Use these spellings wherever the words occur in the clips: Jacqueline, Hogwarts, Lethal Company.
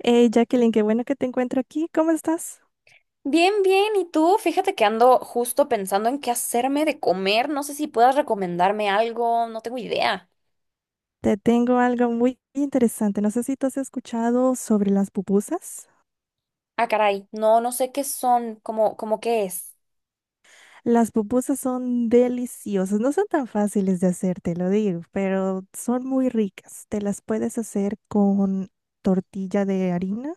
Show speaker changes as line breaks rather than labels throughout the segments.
Hey Jacqueline, qué bueno que te encuentro aquí. ¿Cómo estás?
Bien, bien. ¿Y tú? Fíjate que ando justo pensando en qué hacerme de comer. No sé si puedas recomendarme algo. No tengo idea.
Te tengo algo muy interesante. No sé si tú has escuchado sobre las pupusas.
Ah, caray. No, no sé qué son. ¿Cómo qué es?
Las pupusas son deliciosas. No son tan fáciles de hacer, te lo digo, pero son muy ricas. Te las puedes hacer con tortilla de harina,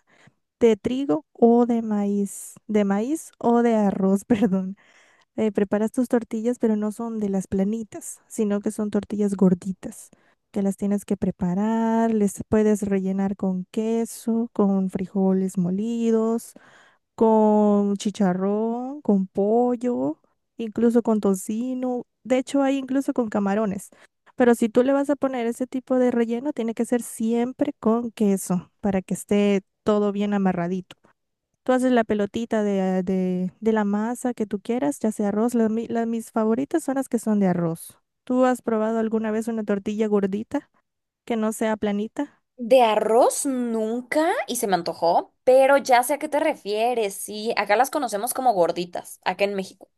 de trigo o de maíz o de arroz, perdón. Preparas tus tortillas, pero no son de las planitas, sino que son tortillas gorditas, que las tienes que preparar, les puedes rellenar con queso, con frijoles molidos, con chicharrón, con pollo, incluso con tocino. De hecho hay incluso con camarones. Pero si tú le vas a poner ese tipo de relleno, tiene que ser siempre con queso para que esté todo bien amarradito. Tú haces la pelotita de la masa que tú quieras, ya sea arroz. Mis favoritas son las que son de arroz. ¿Tú has probado alguna vez una tortilla gordita que no sea planita?
De arroz nunca y se me antojó, pero ya sé a qué te refieres. Sí, acá las conocemos como gorditas, acá en México.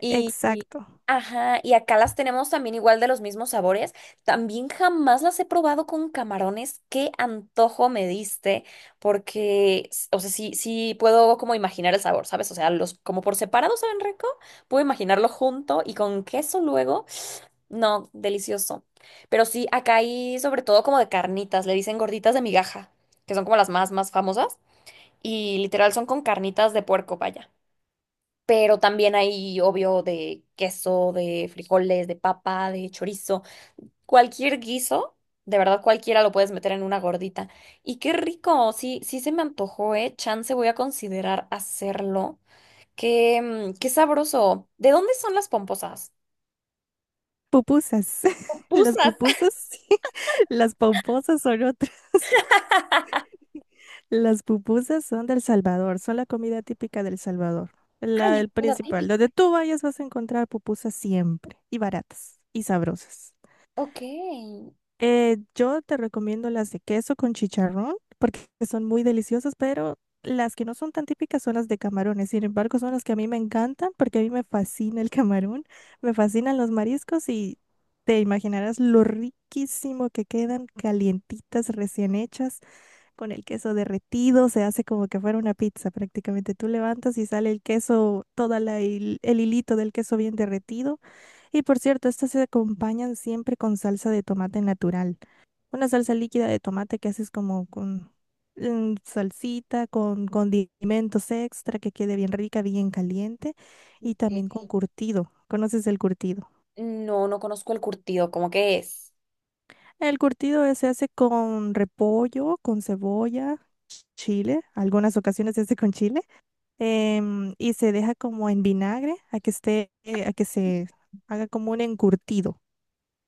Y, y-
Exacto.
ajá, y acá las tenemos también igual de los mismos sabores. También jamás las he probado con camarones. Qué antojo me diste, porque, o sea, sí, sí puedo como imaginar el sabor, ¿sabes? O sea, los como por separado saben rico, puedo imaginarlo junto y con queso luego. No, delicioso. Pero sí, acá hay sobre todo como de carnitas, le dicen gorditas de migaja, que son como las más famosas. Y literal son con carnitas de puerco, vaya, pero también hay, obvio, de queso, de frijoles, de papa, de chorizo, cualquier guiso, de verdad cualquiera lo puedes meter en una gordita. Y qué rico, sí, sí se me antojó, ¿eh? Chance voy a considerar hacerlo. Qué, qué sabroso. ¿De dónde son las pomposas?
Pupusas. Las
Pupusas.
pupusas, sí. Las pomposas son otras. Las pupusas son del Salvador, son la comida típica del Salvador. La,
Ay, es
el
comida
principal.
típica.
Donde tú vayas vas a encontrar pupusas siempre, y baratas, y sabrosas.
Ok.
Yo te recomiendo las de queso con chicharrón porque son muy deliciosas, pero las que no son tan típicas son las de camarones. Sin embargo, son las que a mí me encantan porque a mí me fascina el camarón, me fascinan los mariscos y te imaginarás lo riquísimo que quedan calientitas, recién hechas, con el queso derretido. Se hace como que fuera una pizza prácticamente. Tú levantas y sale el queso, toda el hilito del queso bien derretido. Y por cierto, estas se acompañan siempre con salsa de tomate natural, una salsa líquida de tomate que haces como con salsita, con condimentos extra, que quede bien rica, bien caliente, y también
Ok.
con curtido. ¿Conoces el curtido?
No, no conozco el curtido, ¿cómo que es?
El curtido se hace con repollo, con cebolla, chile. Algunas ocasiones se hace con chile, y se deja como en vinagre a que esté, a que se haga como un encurtido,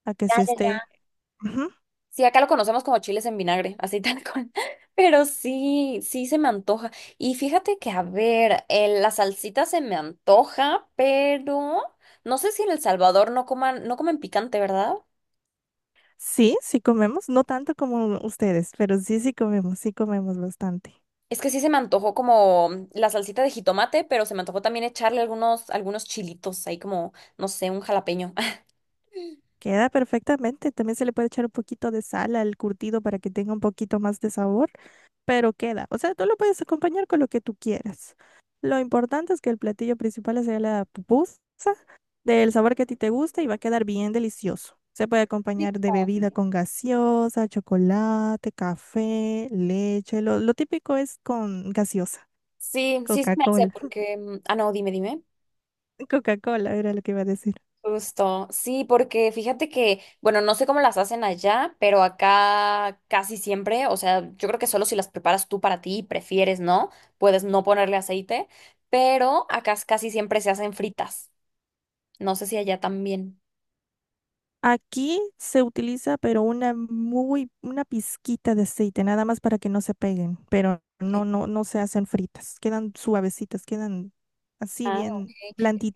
a que
Ya,
se
ya,
esté.
ya.
Ujú.
Sí, acá lo conocemos como chiles en vinagre, así tal cual. Pero sí, sí se me antoja. Y fíjate que, a ver, la salsita se me antoja, pero no sé si en El Salvador no comen picante, ¿verdad?
Sí, sí comemos, no tanto como ustedes, pero sí, sí comemos bastante.
Es que sí se me antojó como la salsita de jitomate, pero se me antojó también echarle algunos chilitos ahí como, no sé, un jalapeño.
Queda perfectamente. También se le puede echar un poquito de sal al curtido para que tenga un poquito más de sabor, pero queda. O sea, tú lo puedes acompañar con lo que tú quieras. Lo importante es que el platillo principal sea la pupusa, del sabor que a ti te gusta, y va a quedar bien delicioso. Se puede acompañar de
Rico.
bebida con gaseosa, chocolate, café, leche. Lo típico es con gaseosa,
Sí, sí se me hace
Coca-Cola.
porque... ah, no, dime.
Coca-Cola era lo que iba a decir.
Justo, sí, porque fíjate que, bueno, no sé cómo las hacen allá, pero acá casi siempre, o sea, yo creo que solo si las preparas tú para ti y prefieres, ¿no? Puedes no ponerle aceite, pero acá casi siempre se hacen fritas. No sé si allá también.
Aquí se utiliza, pero una muy, una pizquita de aceite, nada más para que no se peguen, pero
eh,
no, no, no se hacen fritas, quedan suavecitas, quedan así
Ah, ok.
bien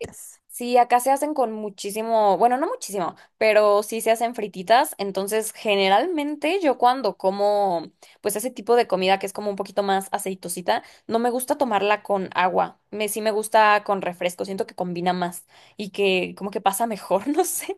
Eh, Sí, acá se hacen con muchísimo, bueno, no muchísimo, pero sí se hacen frititas. Entonces, generalmente yo cuando como, pues ese tipo de comida que es como un poquito más aceitosita, no me gusta tomarla con agua. Sí me gusta con refresco, siento que combina más y que como que pasa mejor, no sé.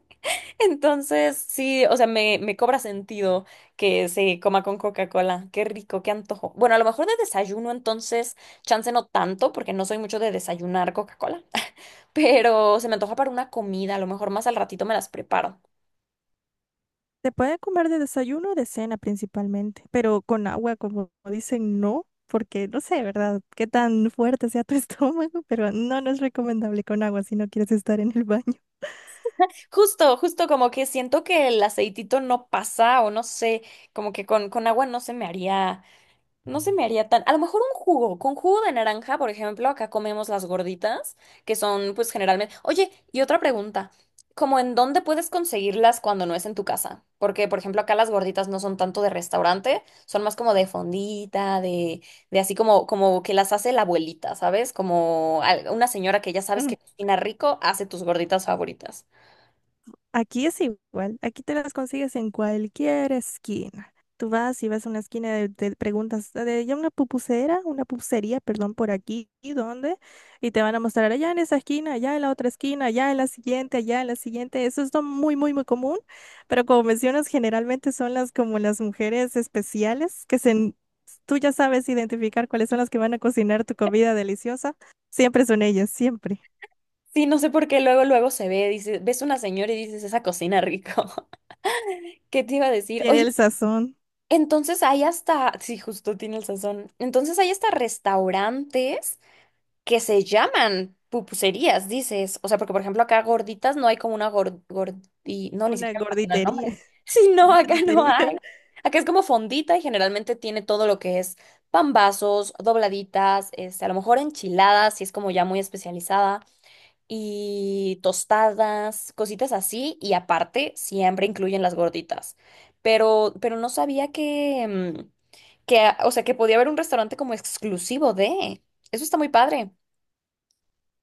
Entonces, sí, o sea, me cobra sentido que se coma con Coca-Cola. Qué rico, qué antojo. Bueno, a lo mejor de desayuno, entonces, chance no tanto, porque no soy mucho de desayunar Coca-Cola, pero se me antoja para una comida, a lo mejor más al ratito me las preparo.
Se puede comer de desayuno o de cena principalmente, pero con agua, como dicen, no, porque no sé, ¿verdad? Qué tan fuerte sea tu estómago, pero no, no es recomendable con agua si no quieres estar en el baño.
Justo, justo como que siento que el aceitito no pasa, o no sé, como que con agua no se me haría. No se me haría tan. A lo mejor un jugo. Con jugo de naranja, por ejemplo, acá comemos las gorditas, que son, pues, generalmente. Oye, y otra pregunta. ¿Cómo en dónde puedes conseguirlas cuando no es en tu casa? Porque, por ejemplo, acá las gorditas no son tanto de restaurante, son más como de fondita, de así como, como que las hace la abuelita, ¿sabes? Como una señora que ya sabes que cocina rico, hace tus gorditas favoritas.
Aquí es igual, aquí te las consigues en cualquier esquina. Tú vas y vas a una esquina de, te preguntas: "Ah, de, ya una pupusera, una pupusería, perdón, por aquí, ¿y dónde?". Y te van a mostrar allá en esa esquina, allá en la otra esquina, allá en la siguiente, allá en la siguiente. Eso es lo muy, muy, muy común, pero como mencionas, generalmente son las como las mujeres especiales que se, tú ya sabes identificar cuáles son las que van a cocinar tu comida deliciosa. Siempre son ellas, siempre.
Sí, no sé por qué luego se ve, dice, ves una señora y dices, esa cocina rico. ¿Qué te iba a decir?
Tiene
Oye,
el sazón,
entonces hay hasta, sí, justo tiene el sazón. Entonces hay hasta restaurantes que se llaman pupuserías, dices. O sea, porque por ejemplo acá gorditas no hay como una gordi, no, ni
una
siquiera me imagino el
gorditería.
nombre. Sí, no, acá no
Gorditería.
hay. Acá es como fondita y generalmente tiene todo lo que es pambazos, dobladitas, este, a lo mejor enchiladas, si es como ya muy especializada y tostadas, cositas así, y aparte siempre incluyen las gorditas. Pero no sabía que, que, ah, o sea, que podía haber un restaurante como exclusivo de. Eso está muy padre.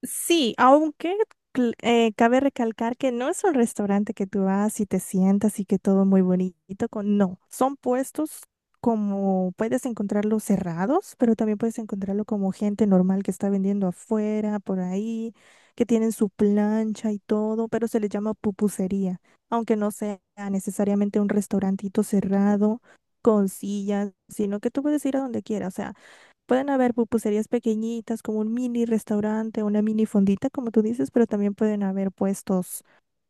Sí, aunque cabe recalcar que no es un restaurante que tú vas y te sientas y que todo muy bonito. Con... No, son puestos, como puedes encontrarlos cerrados, pero también puedes encontrarlo como gente normal que está vendiendo afuera, por ahí, que tienen su plancha y todo, pero se le llama pupusería, aunque no sea necesariamente un restaurantito cerrado con sillas, sino que tú puedes ir a donde quieras. O sea, pueden haber pupuserías pequeñitas, como un mini restaurante, una mini fondita, como tú dices, pero también pueden haber puestos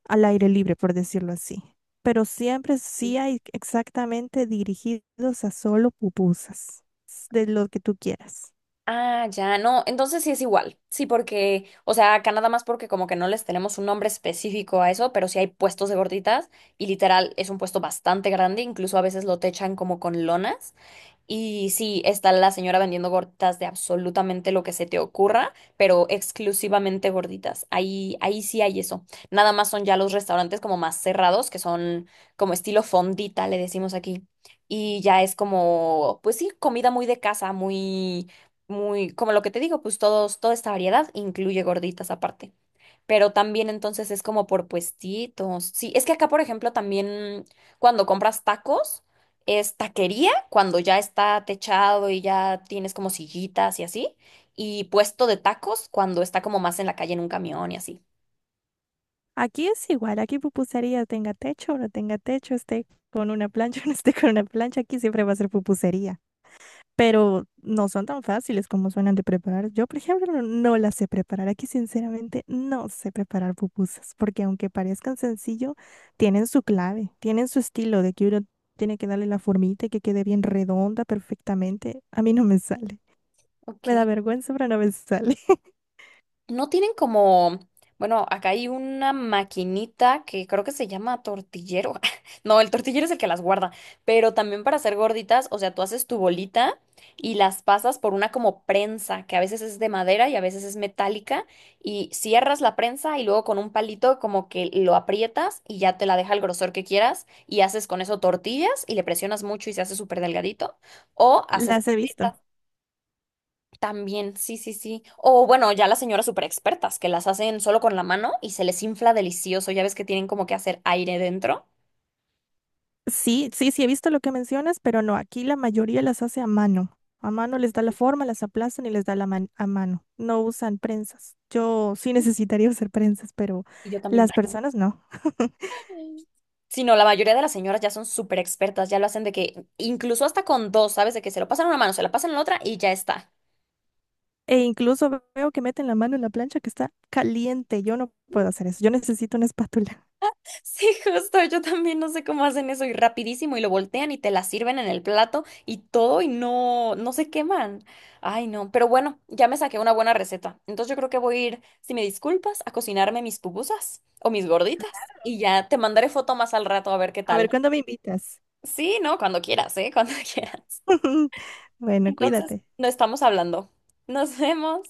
al aire libre, por decirlo así. Pero siempre sí hay exactamente dirigidos a solo pupusas, de lo que tú quieras.
Ah, ya, no, entonces sí es igual. Sí, porque, o sea, acá nada más porque como que no les tenemos un nombre específico a eso, pero sí hay puestos de gorditas y literal es un puesto bastante grande, incluso a veces lo techan como con lonas. Y sí, está la señora vendiendo gorditas de absolutamente lo que se te ocurra, pero exclusivamente gorditas. Ahí sí hay eso. Nada más son ya los restaurantes como más cerrados, que son como estilo fondita, le decimos aquí. Y ya es como, pues sí, comida muy de casa, muy, muy, como lo que te digo, pues todos, toda esta variedad incluye gorditas aparte. Pero también entonces es como por puestitos. Sí, es que acá, por ejemplo, también cuando compras tacos, es taquería, cuando ya está techado y ya tienes como sillitas y así, y puesto de tacos cuando está como más en la calle en un camión y así.
Aquí es igual, aquí pupusería tenga techo o no tenga techo, esté con una plancha o no esté con una plancha, aquí siempre va a ser pupusería. Pero no son tan fáciles como suenan de preparar. Yo, por ejemplo, no las sé preparar. Aquí, sinceramente, no sé preparar pupusas, porque aunque parezcan sencillo, tienen su clave, tienen su estilo de que uno tiene que darle la formita y que quede bien redonda perfectamente. A mí no me sale. Me da
Ok.
vergüenza, pero no me sale.
No tienen como, bueno, acá hay una maquinita que creo que se llama tortillero. No, el tortillero es el que las guarda, pero también para hacer gorditas, o sea, tú haces tu bolita y las pasas por una como prensa, que a veces es de madera y a veces es metálica, y cierras la prensa y luego con un palito como que lo aprietas y ya te la deja el grosor que quieras y haces con eso tortillas y le presionas mucho y se hace súper delgadito, o haces...
Las he visto.
gorditas. También, sí, sí, sí. O bueno, ya las señoras super expertas que las hacen solo con la mano y se les infla delicioso. Ya ves que tienen como que hacer aire dentro.
Sí, sí, sí, he visto lo que mencionas, pero no, aquí la mayoría las hace a mano. A mano les da la forma, las aplastan y les da la a mano. No usan prensas. Yo sí necesitaría usar prensas, pero
Y yo también.
las personas no.
Sí, no, la mayoría de las señoras ya son súper expertas, ya lo hacen de que incluso hasta con dos, ¿sabes? De que se lo pasan a una mano, se la pasan a la otra y ya está.
E incluso veo que meten la mano en la plancha que está caliente. Yo no puedo hacer eso. Yo necesito una espátula.
Sí, justo, yo también no sé cómo hacen eso y rapidísimo y lo voltean y te la sirven en el plato y todo y no, no se queman. Ay, no, pero bueno, ya me saqué una buena receta. Entonces yo creo que voy a ir, si me disculpas, a cocinarme mis pupusas o mis gorditas y ya te mandaré foto más al rato a ver qué
A ver,
tal.
¿cuándo me invitas?
Sí, no, cuando quieras, ¿eh? Cuando quieras.
Bueno,
Entonces,
cuídate.
no estamos hablando. Nos vemos.